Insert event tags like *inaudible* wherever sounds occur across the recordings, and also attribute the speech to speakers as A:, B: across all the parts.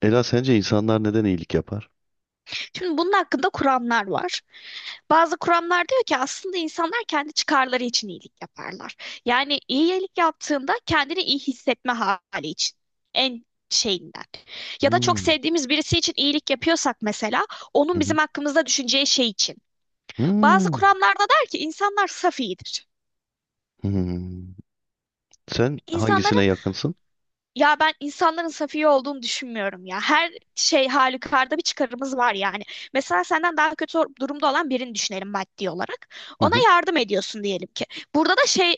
A: Ela sence insanlar neden iyilik yapar?
B: Şimdi bunun hakkında kuramlar var. Bazı kuramlar diyor ki aslında insanlar kendi çıkarları için iyilik yaparlar. Yani iyilik yaptığında kendini iyi hissetme hali için. En şeyinden. Ya da çok
A: Hmm,
B: sevdiğimiz birisi için iyilik yapıyorsak mesela
A: hı
B: onun
A: hı,
B: bizim hakkımızda düşüneceği şey için. Bazı
A: hmm,
B: kuramlarda der ki insanlar saf iyidir.
A: hmm. Sen
B: İnsanların.
A: hangisine yakınsın?
B: Ya ben insanların safiye olduğunu düşünmüyorum ya. Her şey halükarda bir çıkarımız var yani. Mesela senden daha kötü durumda olan birini düşünelim maddi olarak.
A: Hı
B: Ona
A: hı,
B: yardım ediyorsun diyelim ki. Burada da şey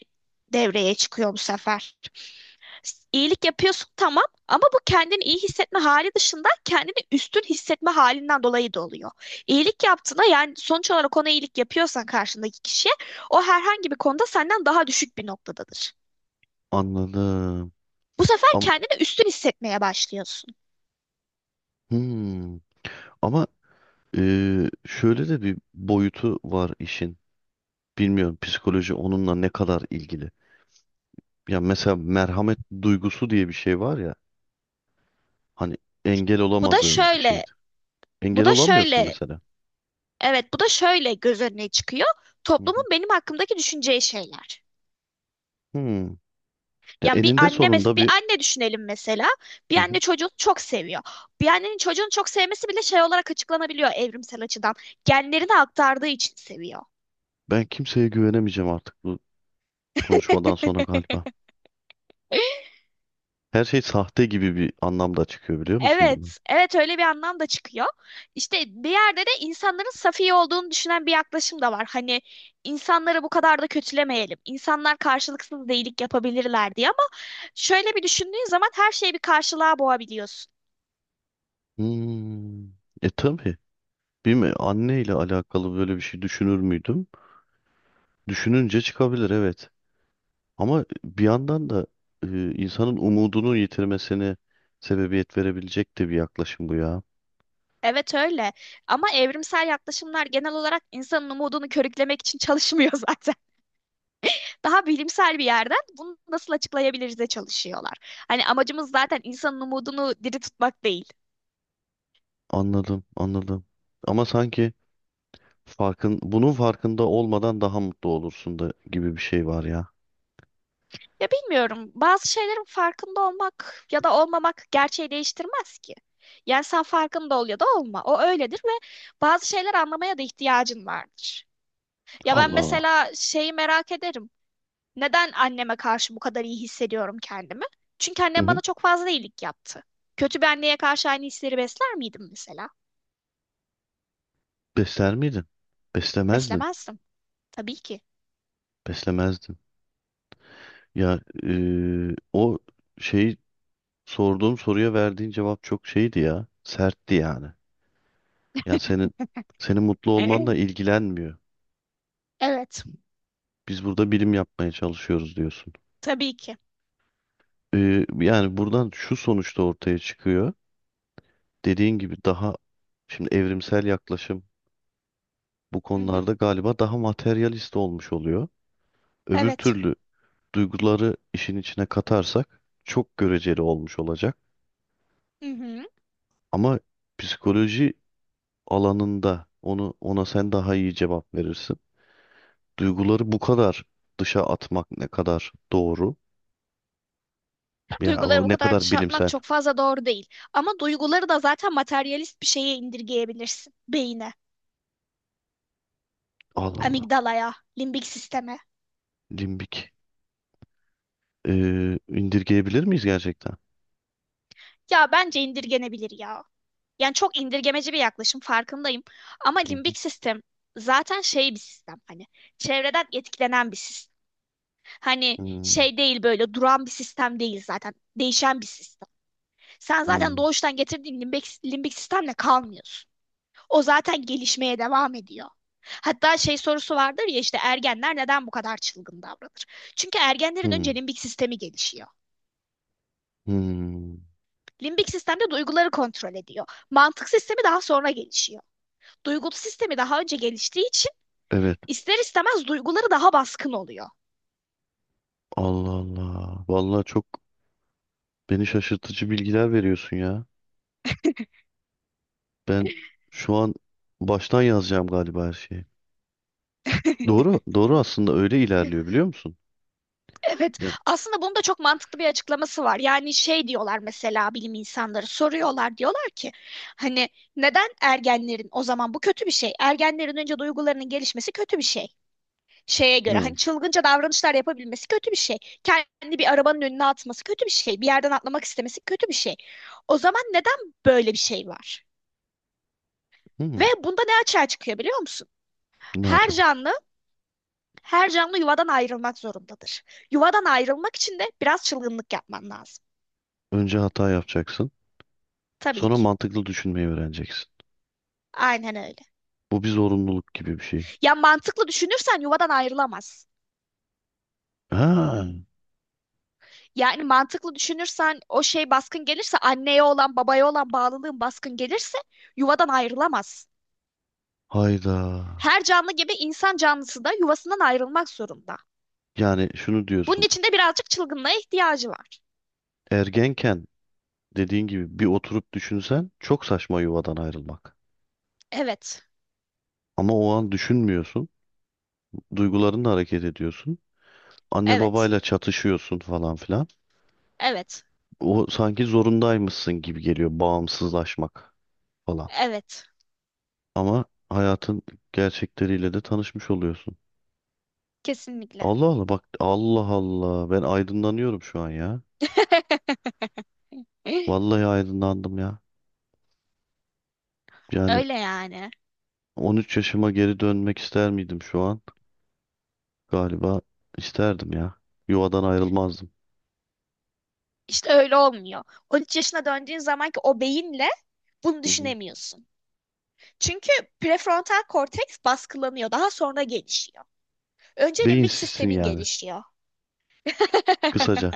B: devreye çıkıyor bu sefer. İyilik yapıyorsun tamam ama bu kendini iyi hissetme hali dışında kendini üstün hissetme halinden dolayı da oluyor. İyilik yaptığında yani sonuç olarak ona iyilik yapıyorsan karşındaki kişiye o herhangi bir konuda senden daha düşük bir noktadadır.
A: anladım.
B: Bu sefer
A: Ama,
B: kendini üstün hissetmeye başlıyorsun.
A: hmm. Ama şöyle de bir boyutu var işin. Bilmiyorum psikoloji onunla ne kadar ilgili. Ya mesela merhamet duygusu diye bir şey var ya. Hani engel
B: Bu da
A: olamadığın bir
B: şöyle,
A: şeydir.
B: bu
A: Engel
B: da
A: olamıyorsun
B: şöyle,
A: mesela.
B: evet bu da şöyle göz önüne çıkıyor.
A: Hı
B: Toplumun
A: hı.
B: benim hakkımdaki düşüneceği şeyler.
A: Hmm. Ya
B: Yani
A: eninde sonunda
B: bir
A: bir
B: anne düşünelim mesela. Bir
A: hı hı.
B: anne çocuğunu çok seviyor. Bir annenin çocuğunu çok sevmesi bile şey olarak açıklanabiliyor evrimsel açıdan. Genlerini aktardığı için seviyor.
A: Ben kimseye güvenemeyeceğim artık bu konuşmadan sonra galiba. Her şey sahte gibi bir anlamda çıkıyor biliyor musun bunu?
B: Evet, evet öyle bir anlam da çıkıyor. İşte bir yerde de insanların safi olduğunu düşünen bir yaklaşım da var. Hani insanları bu kadar da kötülemeyelim. İnsanlar karşılıksız iyilik yapabilirler diye ama şöyle bir düşündüğün zaman her şeyi bir karşılığa boğabiliyorsun.
A: Hmm. E tabii. Bilmiyorum anne ile alakalı böyle bir şey düşünür müydüm? Düşününce çıkabilir evet. Ama bir yandan da insanın umudunu yitirmesine sebebiyet verebilecek de bir yaklaşım bu ya.
B: Evet öyle. Ama evrimsel yaklaşımlar genel olarak insanın umudunu körüklemek için çalışmıyor *laughs* zaten. Daha bilimsel bir yerden bunu nasıl açıklayabiliriz de çalışıyorlar. Hani amacımız zaten insanın umudunu diri tutmak değil.
A: Anladım, anladım. Ama sanki farkın bunun farkında olmadan daha mutlu olursun da gibi bir şey var ya.
B: Ya bilmiyorum. Bazı şeylerin farkında olmak ya da olmamak gerçeği değiştirmez ki. Yani sen farkında ol ya da olma. O öyledir ve bazı şeyler anlamaya da ihtiyacın vardır. Ya ben
A: Allah Allah.
B: mesela şeyi merak ederim. Neden anneme karşı bu kadar iyi hissediyorum kendimi? Çünkü
A: Hı
B: annem
A: hı.
B: bana çok fazla iyilik yaptı. Kötü bir anneye karşı aynı hisleri besler miydim mesela?
A: Besler miydin? Beslemezdim.
B: Beslemezdim. Tabii ki.
A: Beslemezdim. Ya o şey sorduğum soruya verdiğin cevap çok şeydi ya. Sertti yani. Yani senin mutlu
B: *laughs*
A: olmanla
B: Ee?
A: ilgilenmiyor.
B: Evet.
A: Biz burada bilim yapmaya çalışıyoruz diyorsun.
B: Tabii ki.
A: Yani buradan şu sonuçta ortaya çıkıyor. Dediğin gibi daha şimdi evrimsel yaklaşım bu
B: Hı hı.
A: konularda galiba daha materyalist olmuş oluyor. Öbür
B: Evet.
A: türlü duyguları işin içine katarsak çok göreceli olmuş olacak.
B: Hı hı.
A: Ama psikoloji alanında onu ona sen daha iyi cevap verirsin. Duyguları bu kadar dışa atmak ne kadar doğru? Ya o
B: Duyguları bu
A: ne
B: kadar
A: kadar
B: dışa atmak
A: bilimsel.
B: çok fazla doğru değil. Ama duyguları da zaten materyalist bir şeye indirgeyebilirsin. Beyine,
A: Allah Allah.
B: amigdalaya, limbik sisteme.
A: Limbik. İndirgeyebilir miyiz gerçekten?
B: Ya bence indirgenebilir ya. Yani çok indirgemeci bir yaklaşım farkındayım. Ama
A: Hı hı.
B: limbik sistem zaten şey bir sistem, hani çevreden etkilenen bir sistem. Hani
A: Hmm,
B: şey değil, böyle duran bir sistem değil zaten. Değişen bir sistem. Sen zaten
A: hmm,
B: doğuştan getirdiğin limbik sistemle kalmıyorsun. O zaten gelişmeye devam ediyor. Hatta şey sorusu vardır ya işte, ergenler neden bu kadar çılgın davranır? Çünkü ergenlerin
A: hmm,
B: önce limbik sistemi gelişiyor.
A: hmm.
B: Limbik sistem de duyguları kontrol ediyor. Mantık sistemi daha sonra gelişiyor. Duygulu sistemi daha önce geliştiği için
A: Evet.
B: ister istemez duyguları daha baskın oluyor.
A: Allah Allah. Vallahi çok beni şaşırtıcı bilgiler veriyorsun ya. Ben şu an baştan yazacağım galiba her şeyi. Doğru,
B: *laughs*
A: doğru aslında öyle ilerliyor biliyor musun?
B: Evet,
A: Ya.
B: aslında bunun da çok mantıklı bir açıklaması var. Yani şey diyorlar mesela, bilim insanları soruyorlar, diyorlar ki hani neden ergenlerin o zaman bu kötü bir şey? Ergenlerin önce duygularının gelişmesi kötü bir şey. Şeye göre hani
A: Hı,
B: çılgınca davranışlar yapabilmesi kötü bir şey. Kendi bir arabanın önüne atması kötü bir şey. Bir yerden atlamak istemesi kötü bir şey. O zaman neden böyle bir şey var? Ve
A: hı.
B: bunda ne açığa çıkıyor biliyor musun?
A: Ne
B: Her
A: acaba?
B: canlı her canlı yuvadan ayrılmak zorundadır. Yuvadan ayrılmak için de biraz çılgınlık yapman lazım.
A: Önce hata yapacaksın.
B: Tabii
A: Sonra
B: ki.
A: mantıklı düşünmeyi öğreneceksin.
B: Aynen öyle.
A: Bu bir zorunluluk gibi bir şey.
B: Ya mantıklı düşünürsen yuvadan ayrılamaz.
A: Ha,
B: Yani mantıklı düşünürsen o şey baskın gelirse, anneye olan babaya olan bağlılığın baskın gelirse yuvadan ayrılamaz.
A: hayda.
B: Her canlı gibi insan canlısı da yuvasından ayrılmak zorunda.
A: Yani şunu
B: Bunun
A: diyorsun.
B: için de birazcık çılgınlığa ihtiyacı var.
A: Ergenken dediğin gibi bir oturup düşünsen çok saçma yuvadan ayrılmak.
B: Evet,
A: Ama o an düşünmüyorsun. Duygularınla hareket ediyorsun. Anne
B: evet,
A: babayla çatışıyorsun falan filan.
B: evet,
A: O sanki zorundaymışsın gibi geliyor bağımsızlaşmak falan.
B: evet.
A: Ama hayatın gerçekleriyle de tanışmış oluyorsun.
B: Kesinlikle.
A: Allah Allah bak Allah Allah ben aydınlanıyorum şu an ya.
B: *laughs*
A: Vallahi aydınlandım ya. Yani
B: Öyle yani.
A: 13 yaşıma geri dönmek ister miydim şu an? Galiba isterdim ya. Yuvadan ayrılmazdım.
B: İşte öyle olmuyor. 13 yaşına döndüğün zamanki o beyinle bunu
A: Hı hı.
B: düşünemiyorsun. Çünkü prefrontal korteks baskılanıyor. Daha sonra gelişiyor. Önce limbik
A: Beyinsizsin
B: sistemin
A: yani
B: gelişiyor. *laughs*
A: kısaca.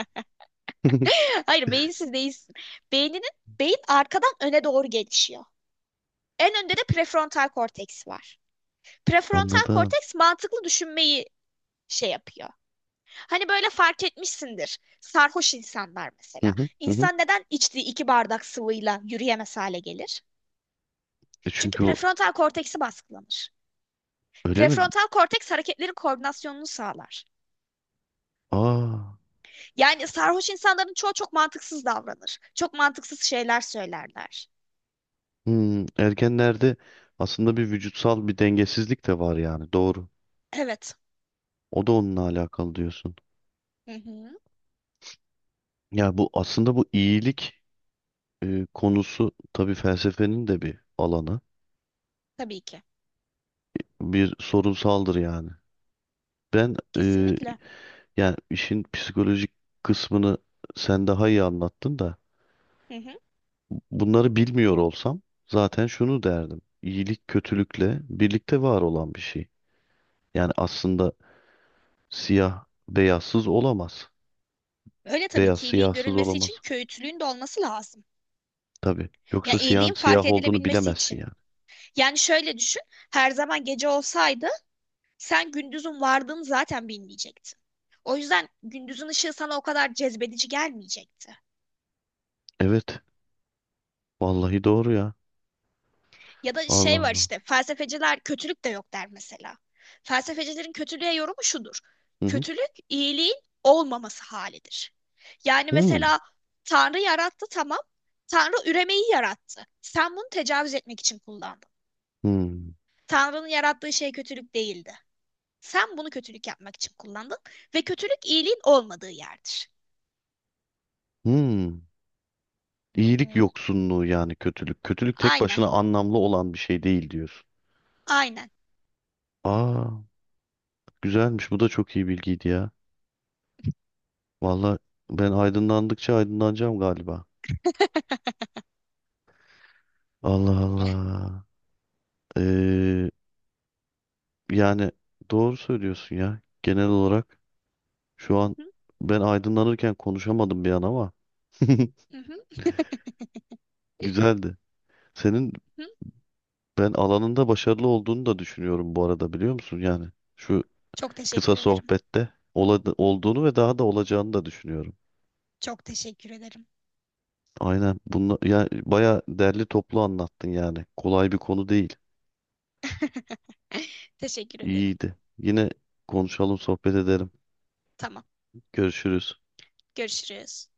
A: *laughs*
B: Hayır, beyinsiz değilsin. Beyninin Beyin arkadan öne doğru gelişiyor. En önde de prefrontal korteks var. Prefrontal
A: Anladım.
B: korteks mantıklı düşünmeyi şey yapıyor. Hani böyle fark etmişsindir. Sarhoş insanlar
A: Hı
B: mesela.
A: hı hı, hı.
B: İnsan neden içtiği iki bardak sıvıyla yürüyemez hale gelir?
A: E
B: Çünkü
A: çünkü o
B: prefrontal korteksi baskılanır.
A: öyle mi?
B: Prefrontal korteks hareketlerin koordinasyonunu sağlar.
A: Aa.
B: Yani sarhoş insanların çoğu çok mantıksız davranır. Çok mantıksız şeyler söylerler.
A: Hmm, ergenlerde aslında bir vücutsal bir dengesizlik de var yani doğru.
B: Evet.
A: O da onunla alakalı diyorsun.
B: Hı hı.
A: Ya bu aslında bu iyilik konusu tabii felsefenin de bir alanı.
B: Tabii ki.
A: Bir sorunsaldır yani. Ben
B: Kesinlikle.
A: yani işin psikolojik kısmını sen daha iyi anlattın da
B: Hı hı.
A: bunları bilmiyor olsam zaten şunu derdim. İyilik kötülükle birlikte var olan bir şey. Yani aslında siyah beyazsız olamaz.
B: Öyle tabii
A: Beyaz
B: ki, iyiliğin
A: siyahsız
B: görülmesi için
A: olamaz.
B: köyütlüğün de olması lazım.
A: Tabii.
B: Ya
A: Yoksa siyah
B: iyiliğin fark
A: siyah olduğunu
B: edilebilmesi
A: bilemezsin
B: için.
A: yani.
B: Yani şöyle düşün, her zaman gece olsaydı sen gündüzün vardığını zaten bilmeyecektin. O yüzden gündüzün ışığı sana o kadar cezbedici gelmeyecekti.
A: Evet. Vallahi doğru ya.
B: Ya da
A: Allah
B: şey var
A: Allah.
B: işte, felsefeciler kötülük de yok der mesela. Felsefecilerin kötülüğe yorumu şudur.
A: Hı hı.
B: Kötülük iyiliğin olmaması halidir. Yani
A: Hmm.
B: mesela Tanrı yarattı tamam. Tanrı üremeyi yarattı. Sen bunu tecavüz etmek için kullandın.
A: Hmm.
B: Tanrı'nın yarattığı şey kötülük değildi. Sen bunu kötülük yapmak için kullandın ve kötülük iyiliğin olmadığı yerdir.
A: Hmm.
B: Hı
A: İyilik
B: hı.
A: yoksunluğu yani kötülük. Kötülük tek
B: Aynen,
A: başına anlamlı olan bir şey değil diyorsun.
B: aynen.
A: Aa, güzelmiş. Bu da çok iyi bilgiydi ya. Vallahi ben aydınlandıkça aydınlanacağım galiba. Allah Allah. Ee, yani doğru söylüyorsun ya. Genel olarak şu an
B: Hı hı,
A: ben aydınlanırken konuşamadım bir an ama *laughs*
B: hı hı,
A: güzeldi. Senin
B: hı.
A: ben alanında başarılı olduğunu da düşünüyorum bu arada biliyor musun? Yani şu
B: Çok teşekkür
A: kısa
B: ederim.
A: sohbette olduğunu ve daha da olacağını da düşünüyorum.
B: Çok teşekkür ederim.
A: Aynen bunu ya baya derli toplu anlattın yani. Kolay bir konu değil.
B: *laughs* Teşekkür ederim.
A: İyiydi. Yine konuşalım, sohbet edelim.
B: Tamam,
A: Görüşürüz.
B: görüşürüz.